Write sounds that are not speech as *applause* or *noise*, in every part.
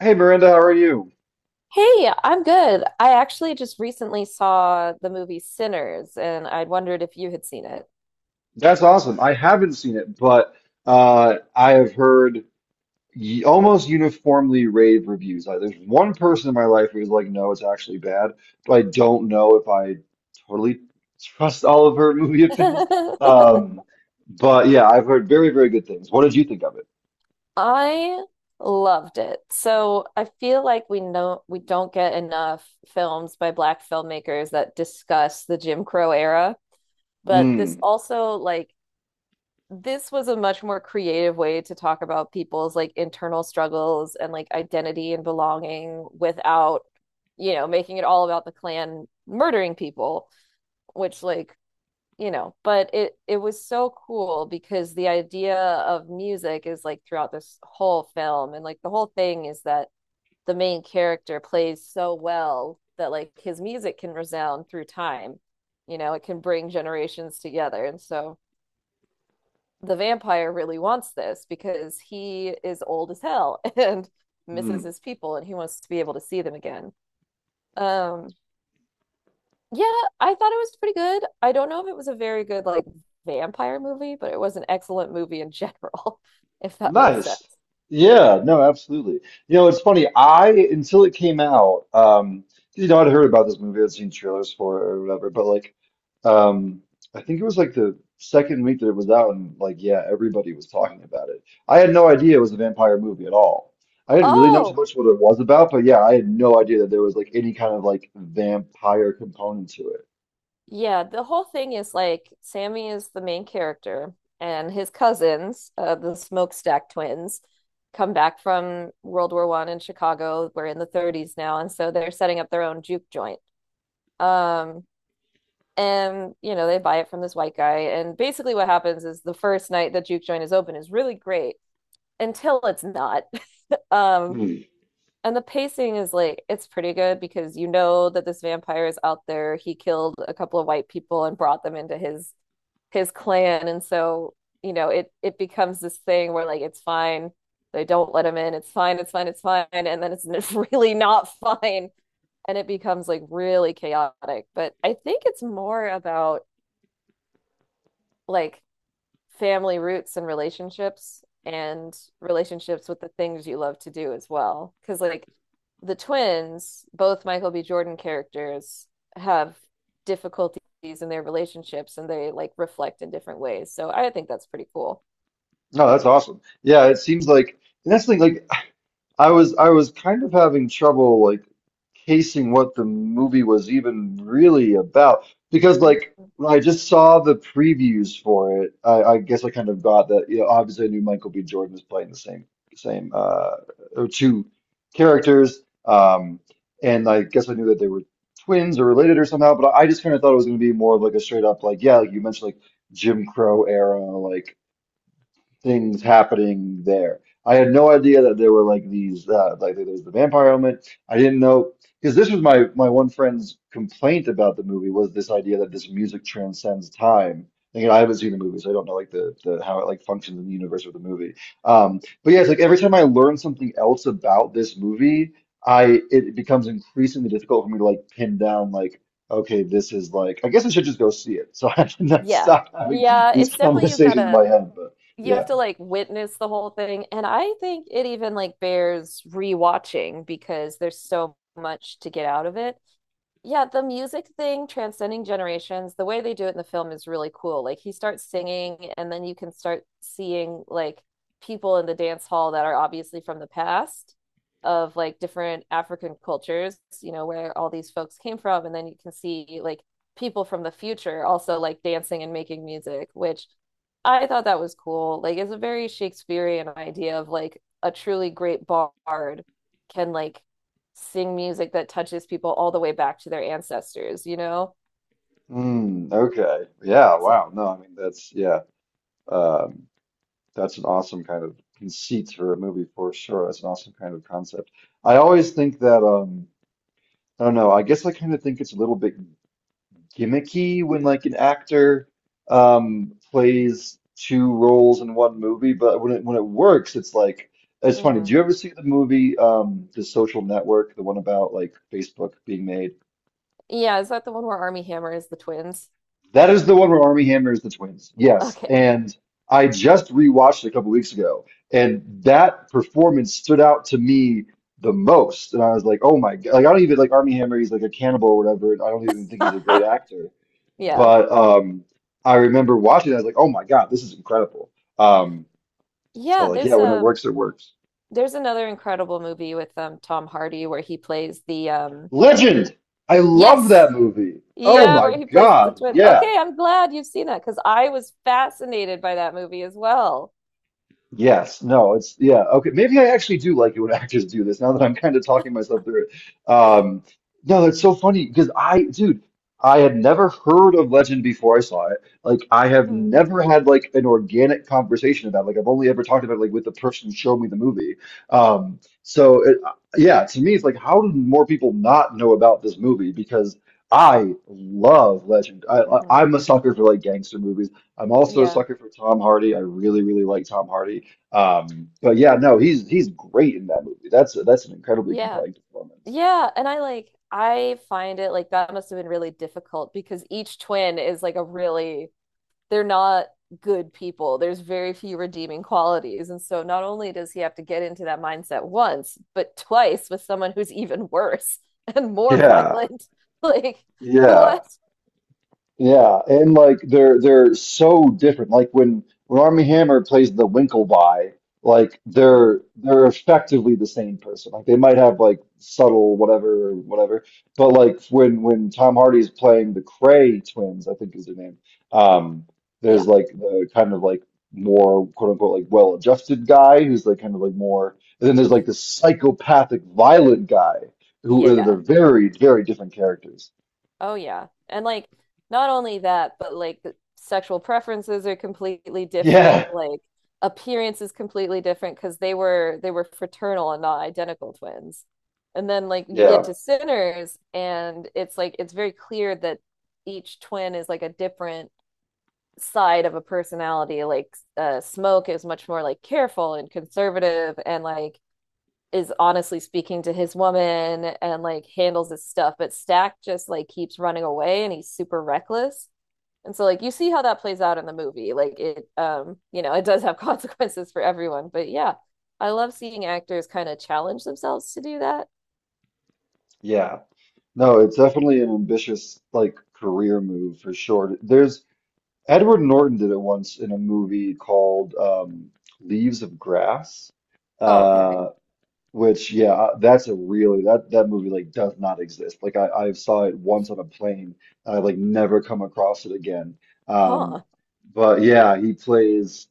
Hey Miranda, how are you? Hey, I'm good. I actually just recently saw the movie Sinners, and I wondered if you had seen it. That's awesome. I haven't seen it, but I have heard y almost uniformly rave reviews. Like, there's one person in my life who's like, no, it's actually bad, but I don't know if I totally trust all of her *laughs* movie opinions. *laughs* Um, but yeah, I've heard very, very good things. What did you think of it? I loved it. So I feel like we know we don't get enough films by Black filmmakers that discuss the Jim Crow era, but this Mm. also like this was a much more creative way to talk about people's like internal struggles and like identity and belonging without, making it all about the Klan murdering people. Which like but it was so cool because the idea of music is like throughout this whole film and like the whole thing is that the main character plays so well that like his music can resound through time, it can bring generations together. And so the vampire really wants this because he is old as hell *laughs* and misses his people and he wants to be able to see them again. um Yeah, I thought it was pretty good. I don't know if it was a very good like vampire movie, but it was an excellent movie in general, *laughs* if that makes Nice. sense. Yeah, no, absolutely. You know, it's funny. I, until it came out, you know, I'd heard about this movie, I'd seen trailers for it or whatever, but like, um, I think it was like the second week that it was out, and like, yeah, everybody was talking about it. I had no idea it was a vampire movie at all. I didn't really know too Oh, much what it was about, but yeah, I had no idea that there was like any kind of like vampire component to it. yeah, the whole thing is like Sammy is the main character and his cousins, the Smokestack twins, come back from World War I in Chicago. We're in the 30s now, and so they're setting up their own juke joint. Um, and they buy it from this white guy and basically what happens is the first night the juke joint is open is really great until it's not. Um, Hmm. and the pacing is like it's pretty good because you know that this vampire is out there. He killed a couple of white people and brought them into his clan, and so it becomes this thing where like it's fine. They don't let him in. It's fine. It's fine. It's fine. And then it's *laughs* really not fine, and it becomes like really chaotic. But I think it's more about like family roots and relationships with the things you love to do as well. Because, like, the twins, both Michael B. Jordan characters, have difficulties in their relationships and they like reflect in different ways. So I think that's pretty cool. No, that's awesome. Yeah, it seems like, and that's the thing, like, I was kind of having trouble like casing what the movie was even really about, because like Mhm. when I just saw the previews for it. I guess I kind of got that. You know, obviously I knew Michael B. Jordan was playing the same same or two characters. And I guess I knew that they were twins or related or somehow. But I just kind of thought it was going to be more of like a straight up like, yeah, like you mentioned, like Jim Crow era, like things happening there. I had no idea that there were like these like there was the vampire element. I didn't know because this was my one friend's complaint about the movie was this idea that this music transcends time. And, you know, I haven't seen the movie, so I don't know like the how it like functions in the universe of the movie. But yeah, it's like every time I learn something else about this movie, I it becomes increasingly difficult for me to like pin down, like, okay, this is like, I guess I should just go see it. So *laughs* I did not Yeah. stop having Yeah, these it's definitely conversations in my head, but. you have Yeah. to like witness the whole thing. And I think it even like bears rewatching because there's so much to get out of it. Yeah, the music thing, transcending generations, the way they do it in the film is really cool. Like he starts singing, and then you can start seeing like people in the dance hall that are obviously from the past of like different African cultures, where all these folks came from. And then you can see like people from the future also like dancing and making music, which I thought that was cool. Like it's a very Shakespearean idea of like a truly great bard can like sing music that touches people all the way back to their ancestors, you know? Mm, okay. Yeah. So, Wow. No, I mean that's yeah. Um, that's an awesome kind of conceit for a movie, for sure. That's an awesome kind of concept. I always think that I don't know. I guess I kind of think it's a little bit gimmicky when like an actor plays two roles in one movie, but when it works, it's like it's funny. Do mhm. you ever see the movie The Social Network, the one about like Facebook being made? Yeah, is that the one where Army Hammer is the twins? That is the one where Army Hammer is the twins. Yes. Okay. And I just rewatched it a couple weeks ago, and that performance stood out to me the most. And I was like, oh my God. Like, I don't even like Army Hammer. He's like a cannibal or whatever. And I don't even think he's a great *laughs* actor. Yeah. But I remember watching it. I was like, oh my God, this is incredible. Um, so, Yeah, like, yeah, there's when it um works, it works. there's another incredible movie with Tom Hardy where he plays the. Legend! I love Yes. that movie. Oh Yeah, my where he plays the God. twins. Yeah. Okay, I'm glad you've seen that because I was fascinated by that movie as well. Yes, no, it's yeah, okay. Maybe I actually do like it when *laughs* actors do this now that I'm kind of talking myself through it. No, that's so funny because I, dude, I had never heard of Legend before I saw it. Like, I have *laughs* never had like an organic conversation about it. Like, I've only ever talked about it like with the person who showed me the movie. So it, yeah, to me, it's like, how did more people not know about this movie? Because I love Legend. Hmm. I'm a sucker for like gangster movies. I'm also a Yeah. sucker for Tom Hardy. I really, really like Tom Hardy. But yeah, no, he's great in that movie. That's an incredibly Yeah. compelling performance. Yeah. And I like, I find it like that must have been really difficult because each twin is like a really, they're not good people. There's very few redeeming qualities. And so not only does he have to get into that mindset once, but twice with someone who's even worse *laughs* and more Yeah, violent. *laughs* Like, yeah. what? Yeah, and like they're so different. Like when Armie Hammer plays the Winkleby, like they're Mhm. they're effectively the same person. Like they might have like subtle whatever, but like when Tom Hardy's playing the Cray twins, I think is their name. Um, Yeah. there's like the kind of like more quote unquote like well-adjusted guy who's like kind of like more, and then there's like the psychopathic violent guy who are they're Yeah. very very different characters. Oh yeah. And like not only that, but like the sexual preferences are completely Yeah, different, like appearance is completely different because they were fraternal and not identical twins. And then like you get yeah, to Sinners and it's like it's very clear that each twin is like a different side of a personality. Like Smoke is much more like careful and conservative and like is honestly speaking to his woman and like handles his stuff, but Stack just like keeps running away and he's super reckless. And so like you see how that plays out in the movie. Like it *laughs* it does have consequences for everyone. But yeah, I love seeing actors kind of challenge themselves to do that. yeah. No, it's definitely an ambitious like career move for sure. There's Edward Norton did it once in a movie called Leaves of Grass, Oh, okay. uh, which yeah, that's a really that movie like does not exist. Like I saw it once on a plane, and I like never come across it again. Um, Huh. but yeah, he plays.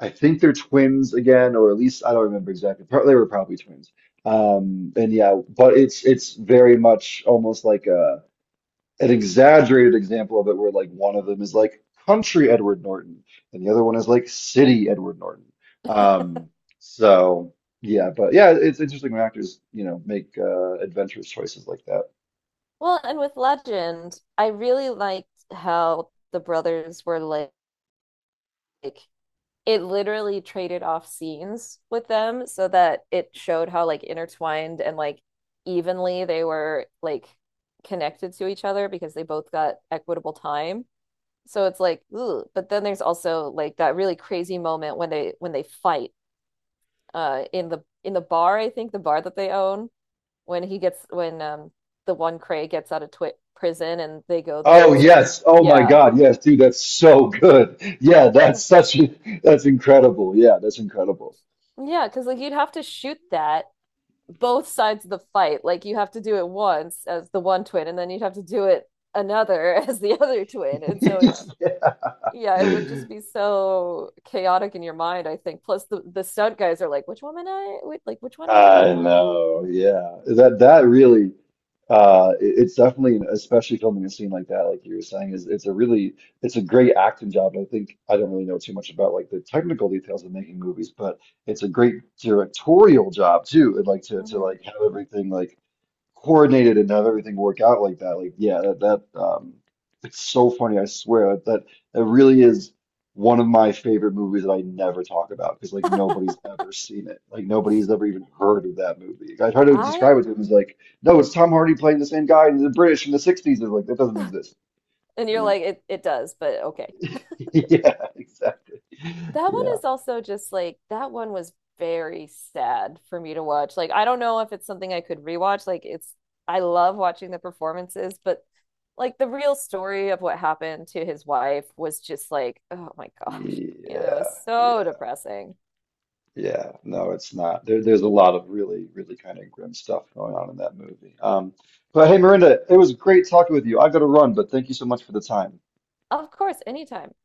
I think they're twins again, or at least I don't remember exactly. They were probably twins. And yeah, but it's very much almost like a an exaggerated example of it where like one of them is like country Edward Norton and the other one is like city Edward Norton. *laughs* Um, so yeah, but yeah, it's interesting when actors, you know, make adventurous choices like that. Well, and with Legend, I really liked how the brothers were like it literally traded off scenes with them so that it showed how like intertwined and like evenly they were like connected to each other because they both got equitable time. So it's like, ooh, but then there's also like that really crazy moment when they fight in the bar, I think the bar that they own when he gets when the one Cray gets out of twi prison and they go there Oh and so he, yes. Oh my yeah. God. Yes, dude, that's so good. Yeah, that's such a, that's incredible. Yeah, that's incredible. Yeah, because like you'd have to shoot that both sides of the fight. Like you have to do it once as the one twin, and then you'd have to do it another *laughs* as the other twin. And so it's *laughs* yeah, it would Yeah. just be so chaotic in your mind, I think. Plus the stunt guys are like, which one am I? Wait, like which one am I now? I know, yeah. That really it's definitely especially filming a scene like that, like you were saying, is it's a really it's a great acting job. And I think I don't really know too much about like the technical details of making movies, but it's a great directorial job too. And like to Hmm. like have everything like coordinated and have everything work out like that. Like, yeah, that it's so funny. I swear that that really is one of my favorite movies that I never talk about because like *laughs* nobody's ever seen it. Like nobody's ever even heard of that movie. Like, I try to I describe it to them as like, no, it's Tom Hardy playing the same guy in the British in the 60s. They're like, that doesn't exist, And you you're know? like, *laughs* it does, but okay. Yeah, exactly. That one Yeah. is also just like that one was very sad for me to watch. Like I don't know if it's something I could rewatch. Like it's I love watching the performances, but like the real story of what happened to his wife was just like, oh my gosh, it was Yeah. so Yeah. depressing. Yeah, no, it's not. There's a lot of really, really kind of grim stuff going on in that movie. But hey, Miranda, it was great talking with you. I gotta run, but thank you so much for the time. Of course, anytime.